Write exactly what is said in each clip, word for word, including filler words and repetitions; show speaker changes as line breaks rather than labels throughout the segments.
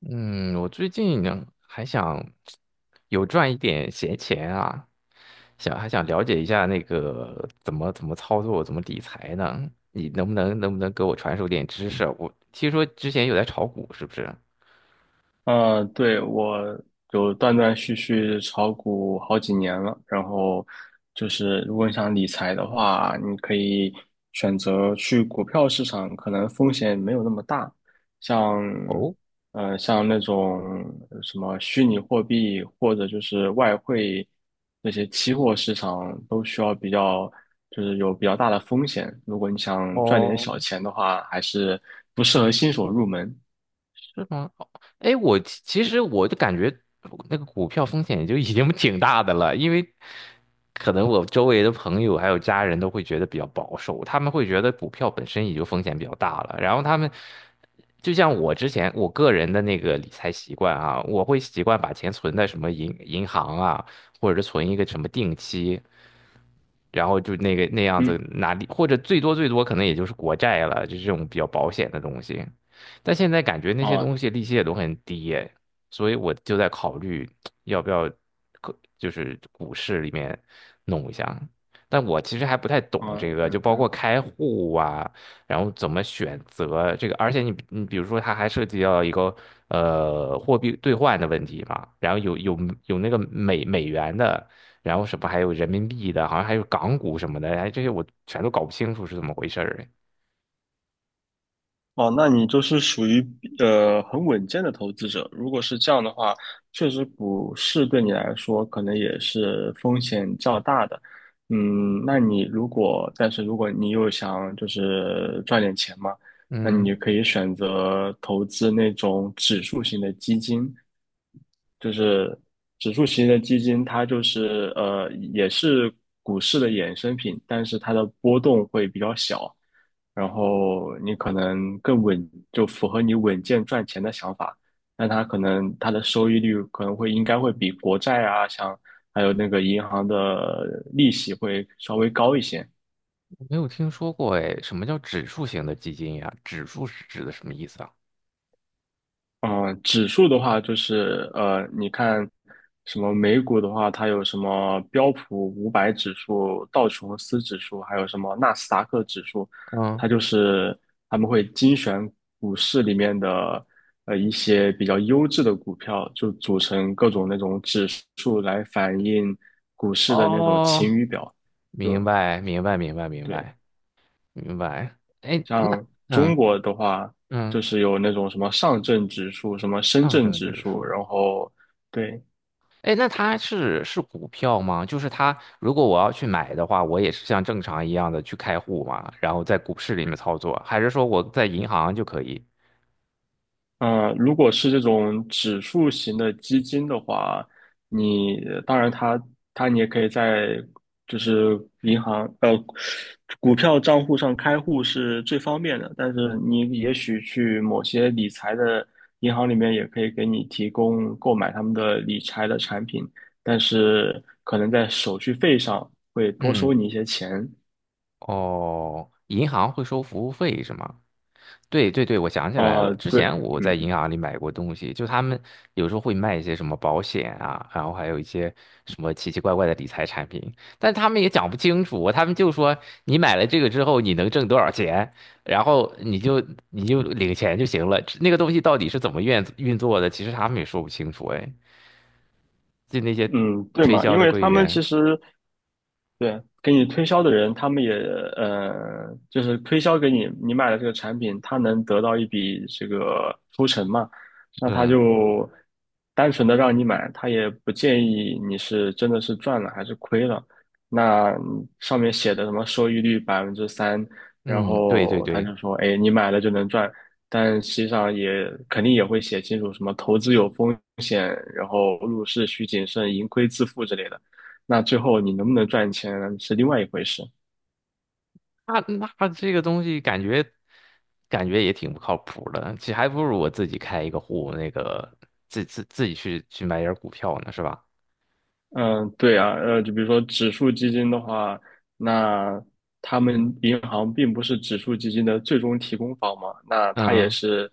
嗯，我最近呢还想有赚一点闲钱啊，想还想了解一下那个怎么怎么操作，怎么理财呢？你能不能能不能给我传授点知识啊。我听说之前有在炒股，是不是？
呃，对，我有断断续续炒股好几年了，然后就是如果你想理财的话，你可以选择去股票市场，可能风险没有那么大，像
哦
呃像那种什么虚拟货币或者就是外汇这些期货市场都需要比较就是有比较大的风险，如果你想赚点
哦，
小钱的话，还是不适合新手入门。
是吗？哦。哎，我其其实我就感觉那个股票风险也就已经 挺大的了，因为可能我周围的朋友还有家人都会觉得比较保守，他们会觉得股票本身也就风险比较大了。然后他们就像我之前我个人的那个理财习惯啊，我会习惯把钱存在什么银银行啊，或者是存一个什么定期，然后就那个那样子
嗯，
拿利，或者最多最多可能也就是国债了，就是这种比较保险的东西。但现在感觉那些
哦。
东西利息也都很低耶。所以我就在考虑要不要，可就是股市里面弄一下。但我其实还不太懂
哦，
这个，就包括开户啊，然后怎么选择这个，而且你你比如说，它还涉及到一个呃货币兑换的问题嘛，然后有有有那个美美元的。然后什么还有人民币的，好像还有港股什么的，哎，这些我全都搞不清楚是怎么回事儿哎。
哦，那你就是属于呃很稳健的投资者。如果是这样的话，确实股市对你来说可能也是风险较大的。嗯，那你如果，但是如果你又想就是赚点钱嘛，那你
嗯，
就可以选择投资那种指数型的基金，就是指数型的基金，它就是呃也是股市的衍生品，但是它的波动会比较小，然后你可能更稳，就符合你稳健赚钱的想法。那它可能它的收益率可能会应该会比国债啊，像还有那个银行的利息会稍微高一些。
没有听说过哎，什么叫指数型的基金呀？指数是指的什么意思啊？
嗯，呃指数的话就是呃，你看什么美股的话，它有什么标普五百指数、道琼斯指数，还有什么纳斯达克指数，
嗯。
它就是他们会精选股市里面的呃一些比较优质的股票，就组成各种那种指数来反映股市的那种
哦，
晴雨表，
明
就
白，明白，明白，明
对。
白，明白。哎，那
像中
嗯
国的话，就
嗯，
是有那种什么上证指数、什么深
上
圳
证
指
指
数，
数。
然后对，
哎，那它是是股票吗？就是它，如果我要去买的话，我也是像正常一样的去开户嘛，然后在股市里面操作，还是说我在银行就可以？
嗯，如果是这种指数型的基金的话，你当然它它你也可以在就是银行呃股票账户上开户是最方便的，但是你也许去某些理财的银行里面也可以给你提供购买他们的理财的产品，但是可能在手续费上会多收
嗯。
你一些钱
哦，银行会收服务费是吗？对对对，我想起来
啊，
了，之
对。
前我在
嗯，
银行里买过东西，就他们有时候会卖一些什么保险啊，然后还有一些什么奇奇怪怪的理财产品，但他们也讲不清楚，他们就说你买了这个之后你能挣多少钱，然后你就你就领钱就行了。那个东西到底是怎么运运作的，其实他们也说不清楚。哎，就那些
嗯对
推
嘛，
销
因
的
为
柜
他们其
员，
实对，给你推销的人，他们也呃，就是推销给你你买了这个产品，他能得到一笔这个抽成嘛？那他
是，
就单纯的让你买，他也不建议你是真的是赚了还是亏了。那上面写的什么收益率百分之三，然
嗯，对对
后他
对。
就说，哎，你买了就能赚，但实际上也肯定也会写清楚什么投资有风险，然后入市需谨慎，盈亏自负之类的。那最后你能不能赚钱是另外一回事。
那那这个东西感觉感觉也挺不靠谱的，其实还不如我自己开一个户，那个自自自己去去买点儿股票呢，是吧？
嗯，对啊，呃，就比如说指数基金的话，那他们银行并不是指数基金的最终提供方嘛，那它也
嗯。
是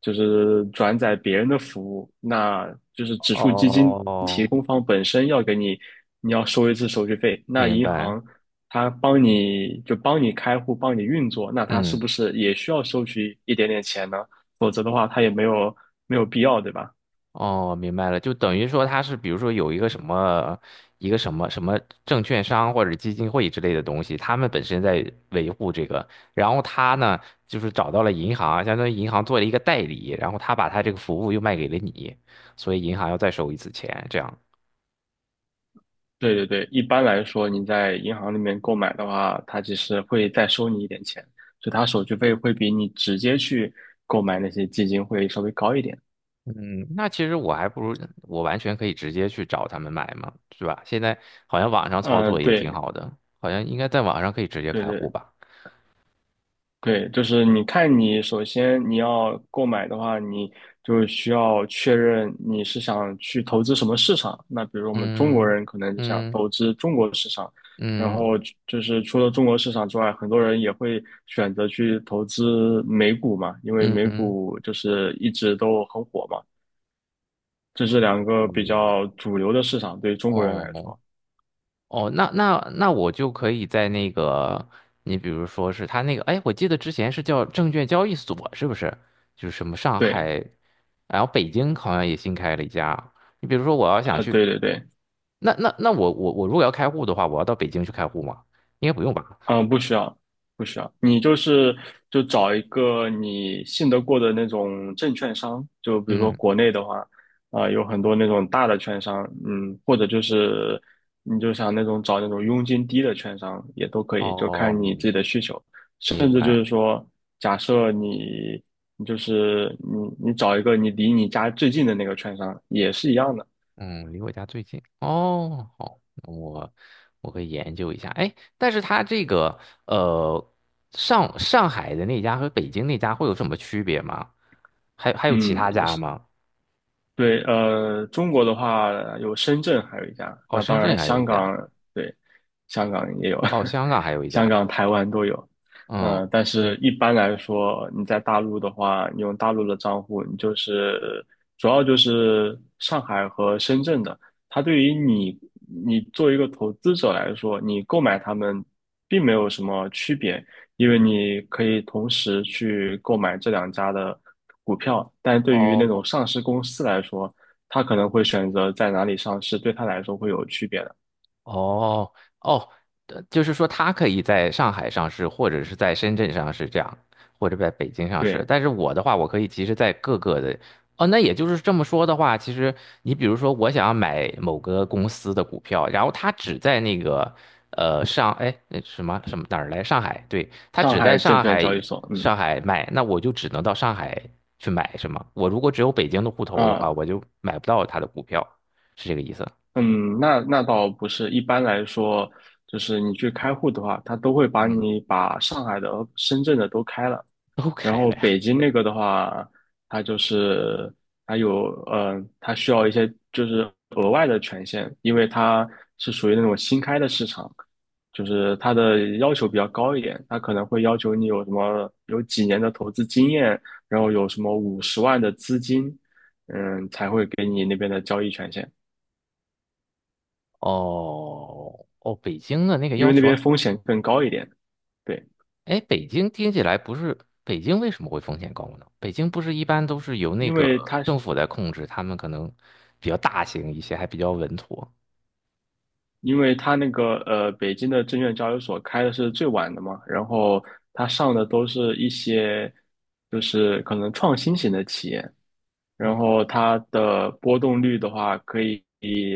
就是转载别人的服务，那就是指数基金提
哦，
供方本身要给你，你要收一次手续费，那
明
银
白。
行它帮你就帮你开户，帮你运作，那它是
嗯。
不是也需要收取一点点钱呢？否则的话，它也没有没有必要，对吧？
哦，明白了，就等于说他是，比如说有一个什么一个什么什么证券商或者基金会之类的东西，他们本身在维护这个，然后他呢就是找到了银行，相当于银行做了一个代理，然后他把他这个服务又卖给了你，所以银行要再收一次钱，这样。
对对对，一般来说，你在银行里面购买的话，它其实会再收你一点钱，所以它手续费会比你直接去购买那些基金会稍微高一点。
嗯，那其实我还不如我完全可以直接去找他们买嘛，是吧？现在好像网上操
嗯、
作也挺
对
好的，好像应该在网上可以直接
对
开户
对，
吧？
对，就是你看，你首先你要购买的话，你就需要确认你是想去投资什么市场。那比如我们中国
嗯
人可能就想
嗯
投资中国市场，然
嗯
后就就是除了中国市场之外，很多人也会选择去投资美股嘛，因为
嗯
美
嗯。
股就是一直都很火嘛，这是两个比较主流的市场，对于中国人来
哦
说。
哦，那那那我就可以在那个，你比如说是他那个。哎，我记得之前是叫证券交易所，是不是？就是什么上
对，
海，然后北京好像也新开了一家。你比如说我要想
呃，
去，
对对对。
那那那我我我如果要开户的话，我要到北京去开户吗？应该不用吧？
嗯，不需要，不需要。你就是就找一个你信得过的那种证券商，就比如说
嗯。
国内的话，啊、有很多那种大的券商，嗯，或者就是你就想那种找那种佣金低的券商也都可以，就看你自
哦，
己的需求。
明
甚至就是
白。
说，假设你你就是你你找一个你离你家最近的那个券商也是一样的，
嗯，离我家最近哦，好，那我我可以研究一下。哎，但是它这个呃，上上海的那家和北京那家会有什么区别吗？还还有其
嗯，
他家吗？
对，呃，中国的话有深圳，还有一家。
哦，
那
深
当
圳
然，
还有
香
一家。
港，对，香港也有，
哦，香港还有 一
香
家，
港、台湾都有。
嗯。
嗯、但是一般来说，你在大陆的话，你用大陆的账户，你就是主要就是上海和深圳的。它对于你，你作为一个投资者来说，你购买它们并没有什么区别，因为你可以同时去购买这两家的股票，但对于那
哦
种上市公司来说，他可能会选择在哪里上市，对他来说会有区别的。
哦哦，呃就是说他可以在上海上市，或者是在深圳上市这样，或者在北京上市。
对，
但是我的话，我可以其实在各个的。哦，那也就是这么说的话，其实你比如说，我想要买某个公司的股票，然后它只在那个呃上，哎，那什么什么哪儿来？上海，对，它
上
只在
海证
上
券
海
交易所，嗯
上海卖，那我就只能到上海去买，是吗？我如果只有北京的户头的话，
啊，
我就买不到它的股票，是这个意思？
嗯，那那倒不是，一般来说，就是你去开户的话，他都会把
嗯，
你把上海的和深圳的都开了。
都
然
开
后
了呀。
北京那个的话，它就是它有呃，它需要一些就是额外的权限，因为它是属于那种新开的市场，就是它的要求比较高一点，它可能会要求你有什么有几年的投资经验，然后有什么五十万的资金，嗯，才会给你那边的交易权限，
哦哦，北京的那个
因
要
为那
求
边
啊。
风险更高一点。对，
哎，北京听起来不是北京为什么会风险高呢？北京不是一般都是由那
因为
个
它
政府在控制，他们可能比较大型一些，还比较稳妥。
因为他那个呃，北京的证券交易所开的是最晚的嘛，然后他上的都是一些就是可能创新型的企业，
嗯，
然后它的波动率的话，可以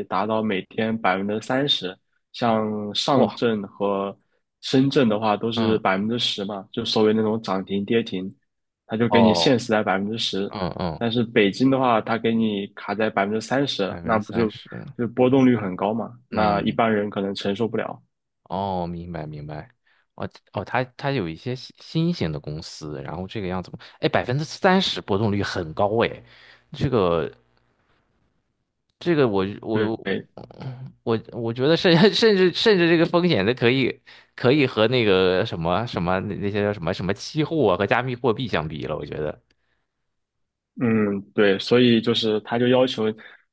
达到每天百分之三十。像上
哇，
证和深圳的话，都是
嗯。
百分之十嘛，就所谓那种涨停跌停，它就给你
哦。
限时在百分之十。
嗯
但
嗯，
是北京的话，它给你卡在百分之三十，
百分
那
之
不
三
就
十。
就波动率很高嘛？那一
嗯。
般人可能承受不了。
哦，明白明白。哦哦，它它有一些新新型的公司，然后这个样子。哎，百分之三十波动率很高哎，这个。这个我我
对，
我我觉得甚 甚至甚至这个风险的可以可以和那个什么什么那那些叫什么什么期货啊和加密货币相比了，我觉得。
嗯，对，所以就是他就要求，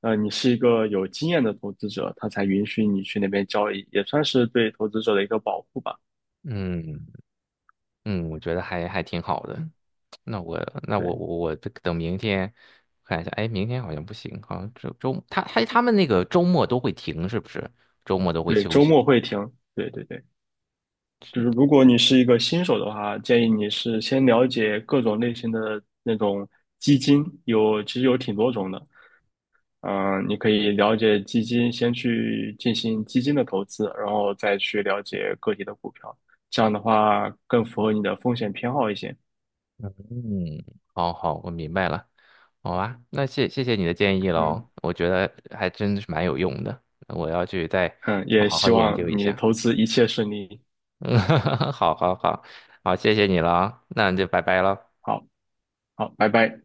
呃，你是一个有经验的投资者，他才允许你去那边交易，也算是对投资者的一个保护吧。
嗯嗯，我觉得还还挺好的。那我那我
对
我我等明天看一下。哎，明天好像不行，好像周周他他他们那个周末都会停，是不是？周末都会
对，
休
周末
息。
会停。对对对，就是如果你是一个新手的话，建议你是先了解各种类型的那种基金，有其实有挺多种的。嗯、你可以了解基金，先去进行基金的投资，然后再去了解个体的股票，这样的话更符合你的风险偏好一些。
嗯，好好，我明白了。好啊，那谢谢谢你的建议
嗯。
喽，我觉得还真是蛮有用的，我要去再
嗯，
好
也
好好
希
研
望
究一
你
下。
投 资一切顺利。
嗯，好好好，好，谢谢你了啊，那就拜拜喽。
好，好，拜拜。